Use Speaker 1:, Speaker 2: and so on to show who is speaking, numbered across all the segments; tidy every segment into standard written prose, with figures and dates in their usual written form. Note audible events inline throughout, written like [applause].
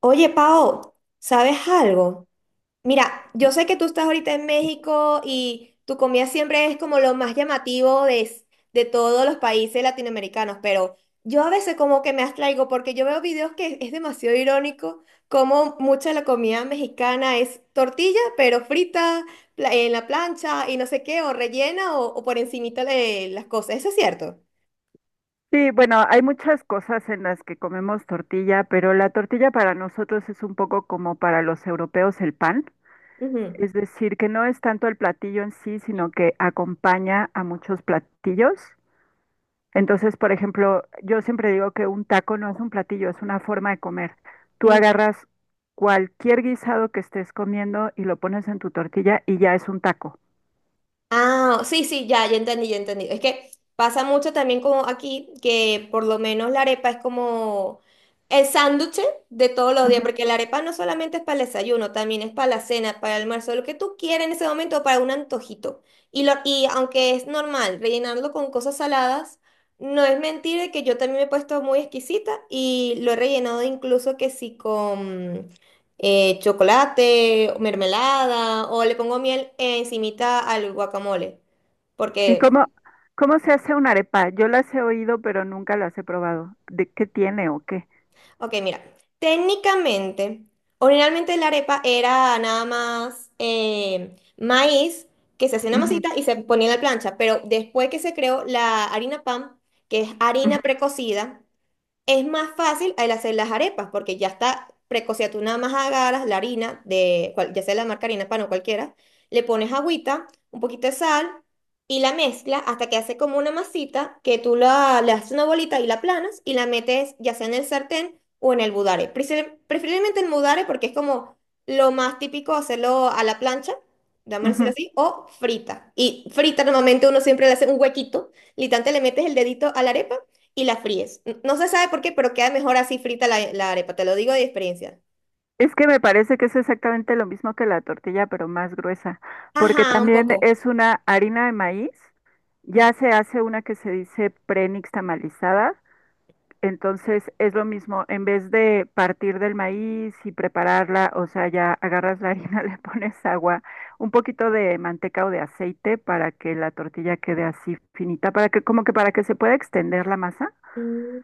Speaker 1: Oye, Pao, ¿sabes algo? Mira, yo sé que tú estás ahorita en México y tu comida siempre es como lo más llamativo de todos los países latinoamericanos, pero yo a veces como que me abstraigo porque yo veo videos que es demasiado irónico, como mucha de la comida mexicana es tortilla, pero frita, en la plancha y no sé qué, o rellena o por encimita de las cosas. ¿Eso es cierto?
Speaker 2: Sí, bueno, hay muchas cosas en las que comemos tortilla, pero la tortilla para nosotros es un poco como para los europeos el pan, es decir, que no es tanto el platillo en sí, sino que acompaña a muchos platillos. Entonces, por ejemplo, yo siempre digo que un taco no es un platillo, es una forma de comer. Tú
Speaker 1: Ujú.
Speaker 2: agarras cualquier guisado que estés comiendo y lo pones en tu tortilla y ya es un taco.
Speaker 1: Ah, sí, sí, ya, ya entendí, ya entendí. Es que pasa mucho también como aquí, que por lo menos la arepa es como el sándwich de todos los días,
Speaker 2: Ujú.
Speaker 1: porque la arepa no solamente es para el desayuno, también es para la cena, para el almuerzo, lo que tú quieras en ese momento, para un antojito. Y aunque es normal rellenarlo con cosas saladas, no es mentira que yo también me he puesto muy exquisita y lo he rellenado incluso que sí chocolate, mermelada o le pongo miel encimita al guacamole.
Speaker 2: ¿Y
Speaker 1: Porque,
Speaker 2: cómo se hace una arepa? Yo las he oído, pero nunca las he probado. ¿De qué tiene o qué?
Speaker 1: ok, mira, técnicamente, originalmente la arepa era nada más maíz, que se hacía una
Speaker 2: Ujú,
Speaker 1: masita y se ponía en la plancha, pero después que se creó la harina pan, que es harina
Speaker 2: ujú,
Speaker 1: precocida, es más fácil el hacer las arepas porque ya está precocida. Tú nada más agarras la harina de, ya sea la marca harina pan o cualquiera, le pones agüita, un poquito de sal y la mezcla hasta que hace como una masita que le haces una bolita y la planas y la metes ya sea en el sartén o en el budare. Preferiblemente en budare porque es como lo más típico hacerlo a la plancha, vamos a decirlo
Speaker 2: ujú.
Speaker 1: así, o frita. Y frita normalmente uno siempre le hace un huequito, literalmente le metes el dedito a la arepa y la fríes. No se sabe por qué, pero queda mejor así frita la arepa, te lo digo de experiencia.
Speaker 2: Es que me parece que es exactamente lo mismo que la tortilla, pero más gruesa, porque
Speaker 1: Ajá, un
Speaker 2: también
Speaker 1: poco.
Speaker 2: es una harina de maíz, ya se hace una que se dice tamalizada, entonces es lo mismo, en vez de partir del maíz y prepararla, o sea, ya agarras la harina, [laughs] le pones agua, un poquito de manteca o de aceite para que la tortilla quede así finita, para que como que para que se pueda extender la masa.
Speaker 1: Mm.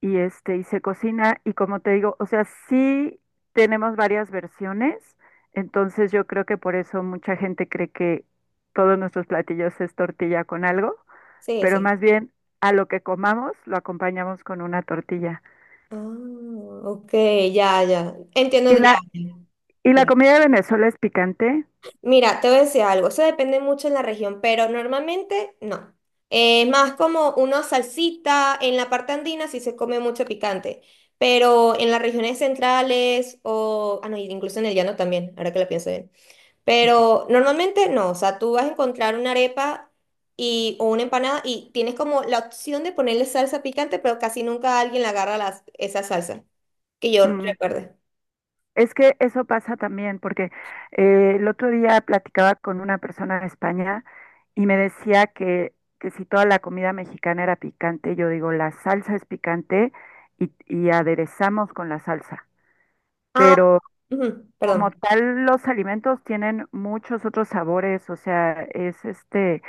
Speaker 2: Y se cocina, y como te digo, o sea, sí tenemos varias versiones, entonces yo creo que por eso mucha gente cree que todos nuestros platillos es tortilla con algo,
Speaker 1: Sí,
Speaker 2: pero
Speaker 1: sí.
Speaker 2: más bien a lo que comamos lo acompañamos con una tortilla.
Speaker 1: Ah, ok, ya, ya.
Speaker 2: Y
Speaker 1: Entiendo, ya.
Speaker 2: la,
Speaker 1: Ya.
Speaker 2: y la comida de Venezuela es picante.
Speaker 1: Mira, te voy a decir algo, eso depende mucho en la región, pero normalmente no. Es más como una salsita; en la parte andina sí se come mucho picante, pero en las regiones centrales o no, incluso en el llano también, ahora que lo pienso bien. Pero normalmente no, o sea, tú vas a encontrar una arepa o una empanada y tienes como la opción de ponerle salsa picante, pero casi nunca alguien le agarra esa salsa, que yo
Speaker 2: Mm,
Speaker 1: recuerde.
Speaker 2: Es que eso pasa también, porque el otro día platicaba con una persona de España y me decía que si toda la comida mexicana era picante, yo digo, la salsa es picante y aderezamos con la salsa.
Speaker 1: Ah,
Speaker 2: Pero
Speaker 1: ujú,
Speaker 2: como
Speaker 1: perdón.
Speaker 2: tal, los alimentos tienen muchos otros sabores, o sea, es este,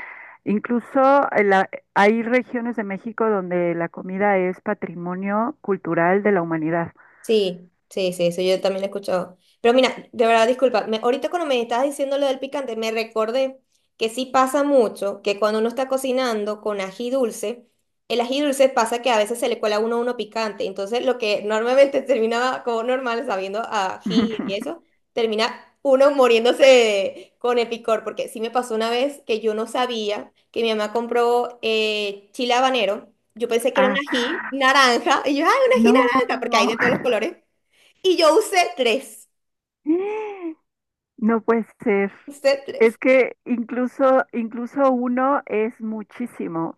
Speaker 2: incluso hay regiones de México donde la comida es patrimonio cultural de la humanidad.
Speaker 1: Sí, sí, sí, eso yo también lo he escuchado. Pero mira, de verdad, disculpa, ahorita cuando me estabas diciendo lo del picante, me recordé que sí pasa mucho que cuando uno está cocinando con ají dulce, el ají dulce pasa que a veces se le cuela uno picante. Entonces, lo que normalmente [laughs] terminaba como normal, sabiendo a ají y
Speaker 2: [laughs]
Speaker 1: eso, termina uno muriéndose con el picor. Porque sí me pasó una vez que yo no sabía que mi mamá compró chile habanero. Yo pensé que era un
Speaker 2: Ah,
Speaker 1: ají naranja. Y yo, ¡ay, un ají
Speaker 2: no.
Speaker 1: naranja! [laughs] Acá porque hay de
Speaker 2: No.
Speaker 1: todos los colores. Y yo usé tres.
Speaker 2: No puede ser.
Speaker 1: Usé
Speaker 2: Es
Speaker 1: tres.
Speaker 2: que incluso uno es muchísimo.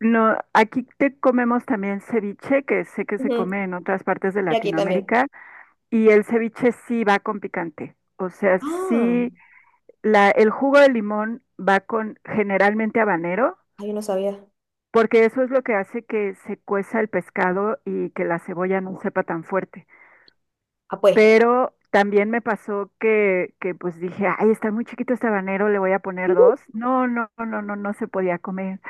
Speaker 2: No, aquí te comemos también ceviche, que sé que se
Speaker 1: Ujú.
Speaker 2: come en otras partes de
Speaker 1: Y aquí también.
Speaker 2: Latinoamérica, y el ceviche sí va con picante. O sea,
Speaker 1: Ah,
Speaker 2: sí, el jugo de limón va con generalmente habanero,
Speaker 1: ay, yo no sabía.
Speaker 2: porque eso es lo que hace que se cueza el pescado y que la cebolla no sepa tan fuerte.
Speaker 1: Ah, pues.
Speaker 2: Pero también me pasó que pues dije, ay, está muy chiquito este habanero, le voy a poner dos.
Speaker 1: [laughs]
Speaker 2: No, no, no, no, no, no se podía comer.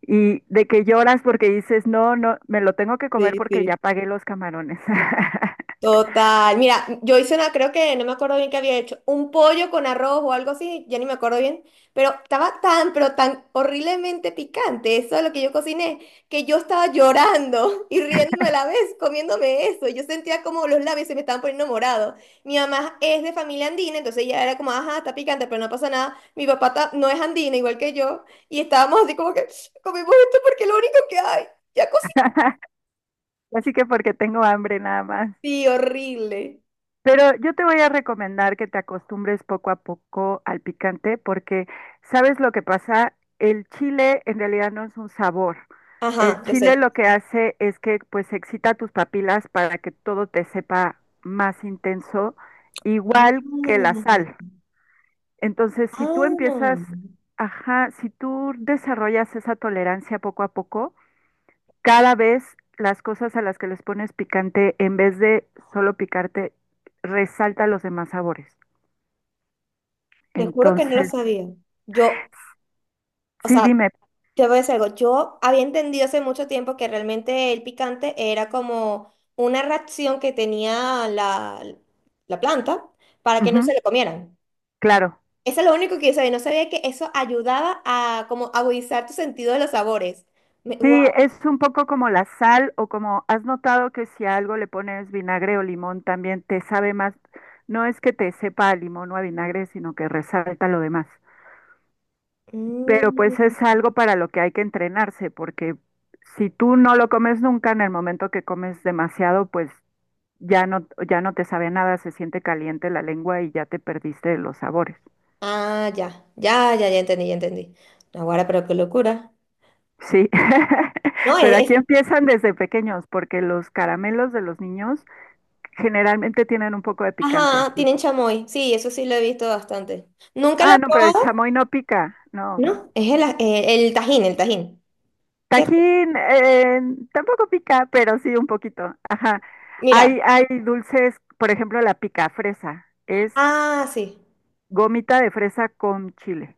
Speaker 2: Y de que lloras porque dices, no, no, me lo tengo que comer
Speaker 1: Sí,
Speaker 2: porque
Speaker 1: sí.
Speaker 2: ya pagué los camarones. [laughs]
Speaker 1: Total. Mira, yo hice una, creo que no me acuerdo bien qué había hecho, un pollo con arroz o algo así, ya ni me acuerdo bien, pero estaba tan, pero tan horriblemente picante, eso es lo que yo cociné, que yo estaba llorando [laughs] y riéndome a la vez, comiéndome eso. Y Yo sentía como los labios se me estaban poniendo morados. Mi mamá es de familia andina, entonces ella era como, ajá, está picante, pero no pasa nada. Mi papá no es andina, igual que yo, y estábamos así como que [sniffs] comimos esto porque es lo único que hay. Ya cociné.
Speaker 2: Así que porque tengo hambre nada más.
Speaker 1: Sí, horrible.
Speaker 2: Pero yo te voy a recomendar que te acostumbres poco a poco al picante porque sabes lo que pasa, el chile en realidad no es un sabor. El
Speaker 1: Ajá, yo
Speaker 2: chile
Speaker 1: sé.
Speaker 2: lo que hace es que pues excita tus papilas para que todo te sepa más intenso, igual que la sal.
Speaker 1: Mm,
Speaker 2: Entonces, si tú
Speaker 1: ah,
Speaker 2: empiezas, ajá, si tú desarrollas esa tolerancia poco a poco, cada vez las cosas a las que les pones picante, en vez de solo picarte, resalta los demás sabores.
Speaker 1: te juro que no lo
Speaker 2: Entonces,
Speaker 1: sabía. Yo, o
Speaker 2: sí,
Speaker 1: sea,
Speaker 2: dime,
Speaker 1: te voy a decir algo. Yo había entendido hace mucho tiempo que realmente el picante era como una reacción que tenía la planta para que no se
Speaker 2: ujú,
Speaker 1: lo comieran.
Speaker 2: claro.
Speaker 1: Eso es lo único que yo sabía. No sabía que eso ayudaba a como agudizar tu sentido de los sabores. Wow.
Speaker 2: Sí, es un poco como la sal o como has notado que si a algo le pones vinagre o limón también te sabe más. No es que te sepa a limón o a vinagre, sino que resalta lo demás. Pero pues es
Speaker 1: Mm.
Speaker 2: algo para lo que hay que entrenarse, porque si tú no lo comes nunca, en el momento que comes demasiado, pues ya no, ya no te sabe nada, se siente caliente la lengua y ya te perdiste de los sabores.
Speaker 1: Ah, ya, ya, ya, ya entendí, ya entendí. Ahora, pero qué locura.
Speaker 2: Sí, [laughs]
Speaker 1: No,
Speaker 2: pero aquí
Speaker 1: es-
Speaker 2: empiezan desde pequeños, porque los caramelos de los niños generalmente tienen un poco de picante
Speaker 1: Ajá,
Speaker 2: aquí.
Speaker 1: tienen chamoy. Sí, eso sí lo he visto bastante. ¿Nunca lo
Speaker 2: Ah,
Speaker 1: he
Speaker 2: no, pero el
Speaker 1: probado?
Speaker 2: chamoy no pica, no.
Speaker 1: No, es el tajín, ¿cierto?
Speaker 2: Tajín, tampoco pica, pero sí un poquito. Ajá.
Speaker 1: Mira,
Speaker 2: Hay dulces, por ejemplo, la pica fresa, es
Speaker 1: ah, sí.
Speaker 2: gomita de fresa con chile.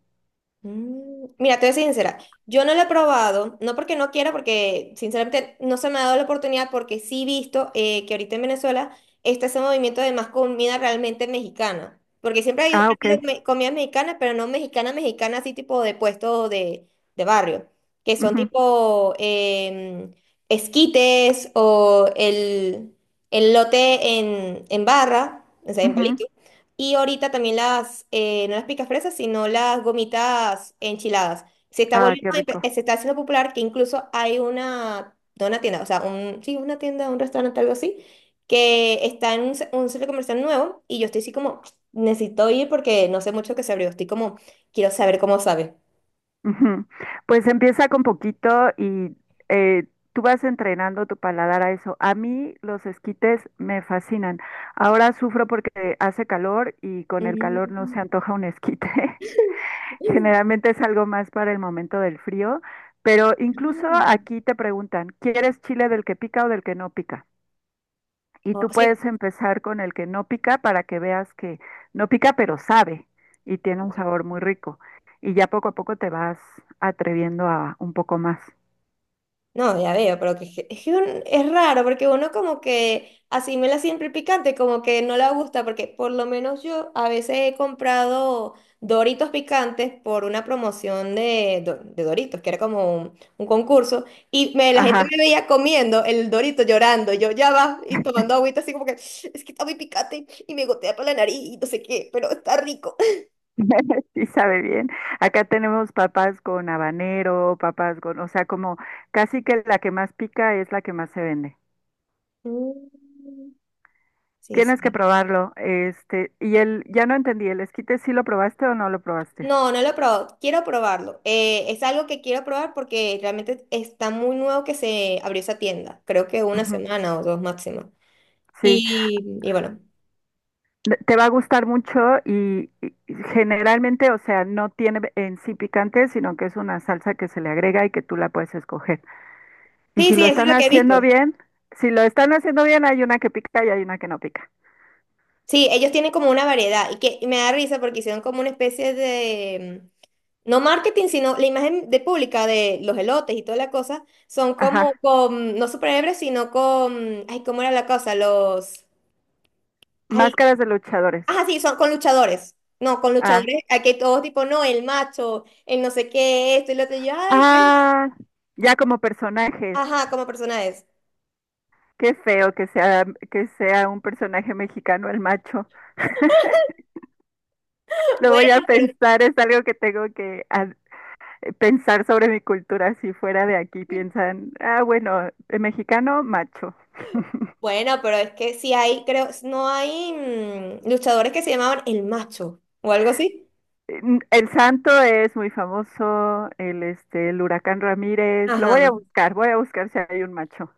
Speaker 1: Mm, mira, te voy a ser sincera, yo no lo he probado, no porque no quiera, porque sinceramente no se me ha dado la oportunidad, porque sí he visto que ahorita en Venezuela está ese movimiento de más comida realmente mexicana, porque siempre hay, ha
Speaker 2: Ah, ok.
Speaker 1: habido comidas mexicanas, pero no mexicana, mexicana, así tipo de puesto de barrio, que son
Speaker 2: Ujú,
Speaker 1: tipo esquites o el lote en barra, o sea, en
Speaker 2: ujú.
Speaker 1: palito. Y ahorita también las, no las picafresas, sino las gomitas enchiladas. Se está
Speaker 2: Ah,
Speaker 1: volviendo,
Speaker 2: qué rico.
Speaker 1: se está haciendo popular, que incluso hay una, no una tienda, o sea, un, sí, una tienda, un restaurante, algo así, que está en un, un centro comercial nuevo y yo estoy así como, necesito ir porque no sé mucho que se abrió, estoy como, quiero saber cómo sabe.
Speaker 2: Ujú. Pues empieza con poquito y eh, tú vas entrenando tu paladar a eso. A mí los esquites me fascinan. Ahora sufro porque hace calor y con el calor no
Speaker 1: Mm.
Speaker 2: se antoja un esquite. [laughs]
Speaker 1: [laughs]
Speaker 2: Generalmente es algo más para el momento del frío, pero incluso aquí te preguntan, ¿quieres chile del que pica o del que no pica? Y
Speaker 1: Ah,
Speaker 2: tú puedes empezar con el que no pica para que veas que no pica, pero sabe y
Speaker 1: oh,
Speaker 2: tiene un
Speaker 1: sí.
Speaker 2: sabor muy rico. Y ya poco a poco te vas atreviendo a un poco más.
Speaker 1: No, ya veo, pero que, es que es raro porque uno como que asimila siempre el picante, como que no le gusta, porque por lo menos yo a veces he comprado Doritos picantes por una promoción de Doritos, que era como un concurso, y me, la gente
Speaker 2: Ajá,
Speaker 1: me veía comiendo el Dorito llorando, yo ya va, y tomando agüita así como que es que está muy picante y me gotea por la nariz y no sé qué, pero está rico. [laughs]
Speaker 2: [laughs] sí sabe bien. Acá tenemos papas con habanero, papas con, o sea, como casi que la que más pica es la que más se vende.
Speaker 1: Mm. Sí,
Speaker 2: Tienes que
Speaker 1: sí.
Speaker 2: probarlo. Este, y el, ya no entendí, ¿el esquite sí lo probaste o no lo probaste?
Speaker 1: No, no lo he probado. Quiero probarlo. Es algo que quiero probar porque realmente está muy nuevo que se abrió esa tienda. Creo que una
Speaker 2: Ujú,
Speaker 1: semana o dos máximo.
Speaker 2: sí.
Speaker 1: Y bueno.
Speaker 2: Te va a gustar mucho y generalmente, o sea, no tiene en sí picante, sino que es una salsa que se le agrega y que tú la puedes escoger. Y
Speaker 1: Sí,
Speaker 2: si
Speaker 1: sí,
Speaker 2: lo
Speaker 1: eso es
Speaker 2: están
Speaker 1: lo que he
Speaker 2: haciendo
Speaker 1: visto.
Speaker 2: bien, si lo están haciendo bien, hay una que pica y hay una que no pica.
Speaker 1: Sí, ellos tienen como una variedad y que y me da risa porque hicieron como una especie de, no marketing, sino la imagen de pública de los elotes y toda la cosa, son como
Speaker 2: Ajá.
Speaker 1: con, no superhéroes, sino con, ay, ¿cómo era la cosa? Los, ay,
Speaker 2: Máscaras de luchadores.
Speaker 1: ajá, sí, son con luchadores. No, con
Speaker 2: Ah.
Speaker 1: luchadores. Aquí todos tipo, no, el macho, el no sé qué, esto y lo otro. Y yo, ay, qué.
Speaker 2: Ah, ya como personajes.
Speaker 1: Ajá, como persona es.
Speaker 2: Qué feo que sea un personaje mexicano el macho. [laughs]
Speaker 1: [laughs]
Speaker 2: Lo
Speaker 1: Bueno,
Speaker 2: voy a
Speaker 1: pero,
Speaker 2: pensar, es algo que tengo que, pensar sobre mi cultura si fuera de aquí, piensan, ah, bueno, mexicano, macho.
Speaker 1: bueno, pero es que sí hay, creo, no hay luchadores que se llamaban el macho o algo así.
Speaker 2: El santo es muy famoso, el huracán Ramírez, lo
Speaker 1: Ajá.
Speaker 2: voy a buscar si hay un macho.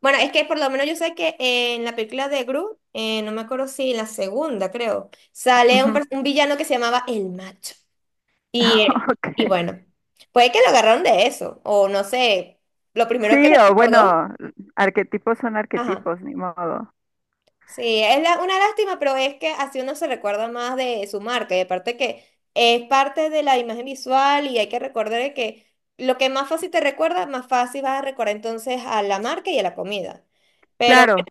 Speaker 1: Bueno, es que por lo menos yo sé que en la película de Gru, no me acuerdo si en la segunda, creo, sale un,
Speaker 2: Ujú.
Speaker 1: un villano que se llamaba el macho. Y, eh,
Speaker 2: [laughs]
Speaker 1: y
Speaker 2: Ok.
Speaker 1: bueno, puede que lo agarraron de eso, o no sé, lo primero que
Speaker 2: Sí,
Speaker 1: le
Speaker 2: o
Speaker 1: recordó.
Speaker 2: bueno, arquetipos son
Speaker 1: Ajá.
Speaker 2: arquetipos, ni modo.
Speaker 1: Sí, es una lástima, pero es que así uno se recuerda más de su marca y aparte que es parte de la imagen visual y hay que recordar de que lo que más fácil te recuerda, más fácil vas a recordar entonces a la marca y a la comida. Pero
Speaker 2: Claro,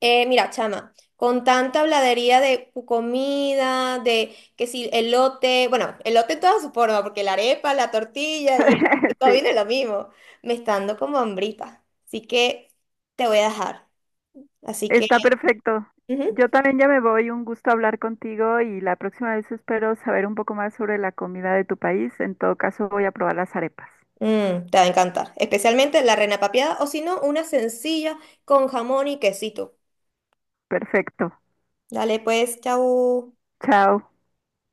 Speaker 1: mira, chama, con tanta habladería de comida, de que si elote, bueno, elote en todas sus formas, porque la arepa, la tortilla y el,
Speaker 2: [laughs]
Speaker 1: todo
Speaker 2: sí,
Speaker 1: viene lo mismo, me está dando como hambrita. Así que te voy a dejar. Así que...
Speaker 2: está perfecto.
Speaker 1: ujú.
Speaker 2: Yo también ya me voy, un gusto hablar contigo y la próxima vez espero saber un poco más sobre la comida de tu país. En todo caso, voy a probar las arepas.
Speaker 1: Mm, te va a encantar. Especialmente la reina papeada o si no, una sencilla con jamón y quesito.
Speaker 2: Perfecto.
Speaker 1: Dale pues, chao.
Speaker 2: Chao.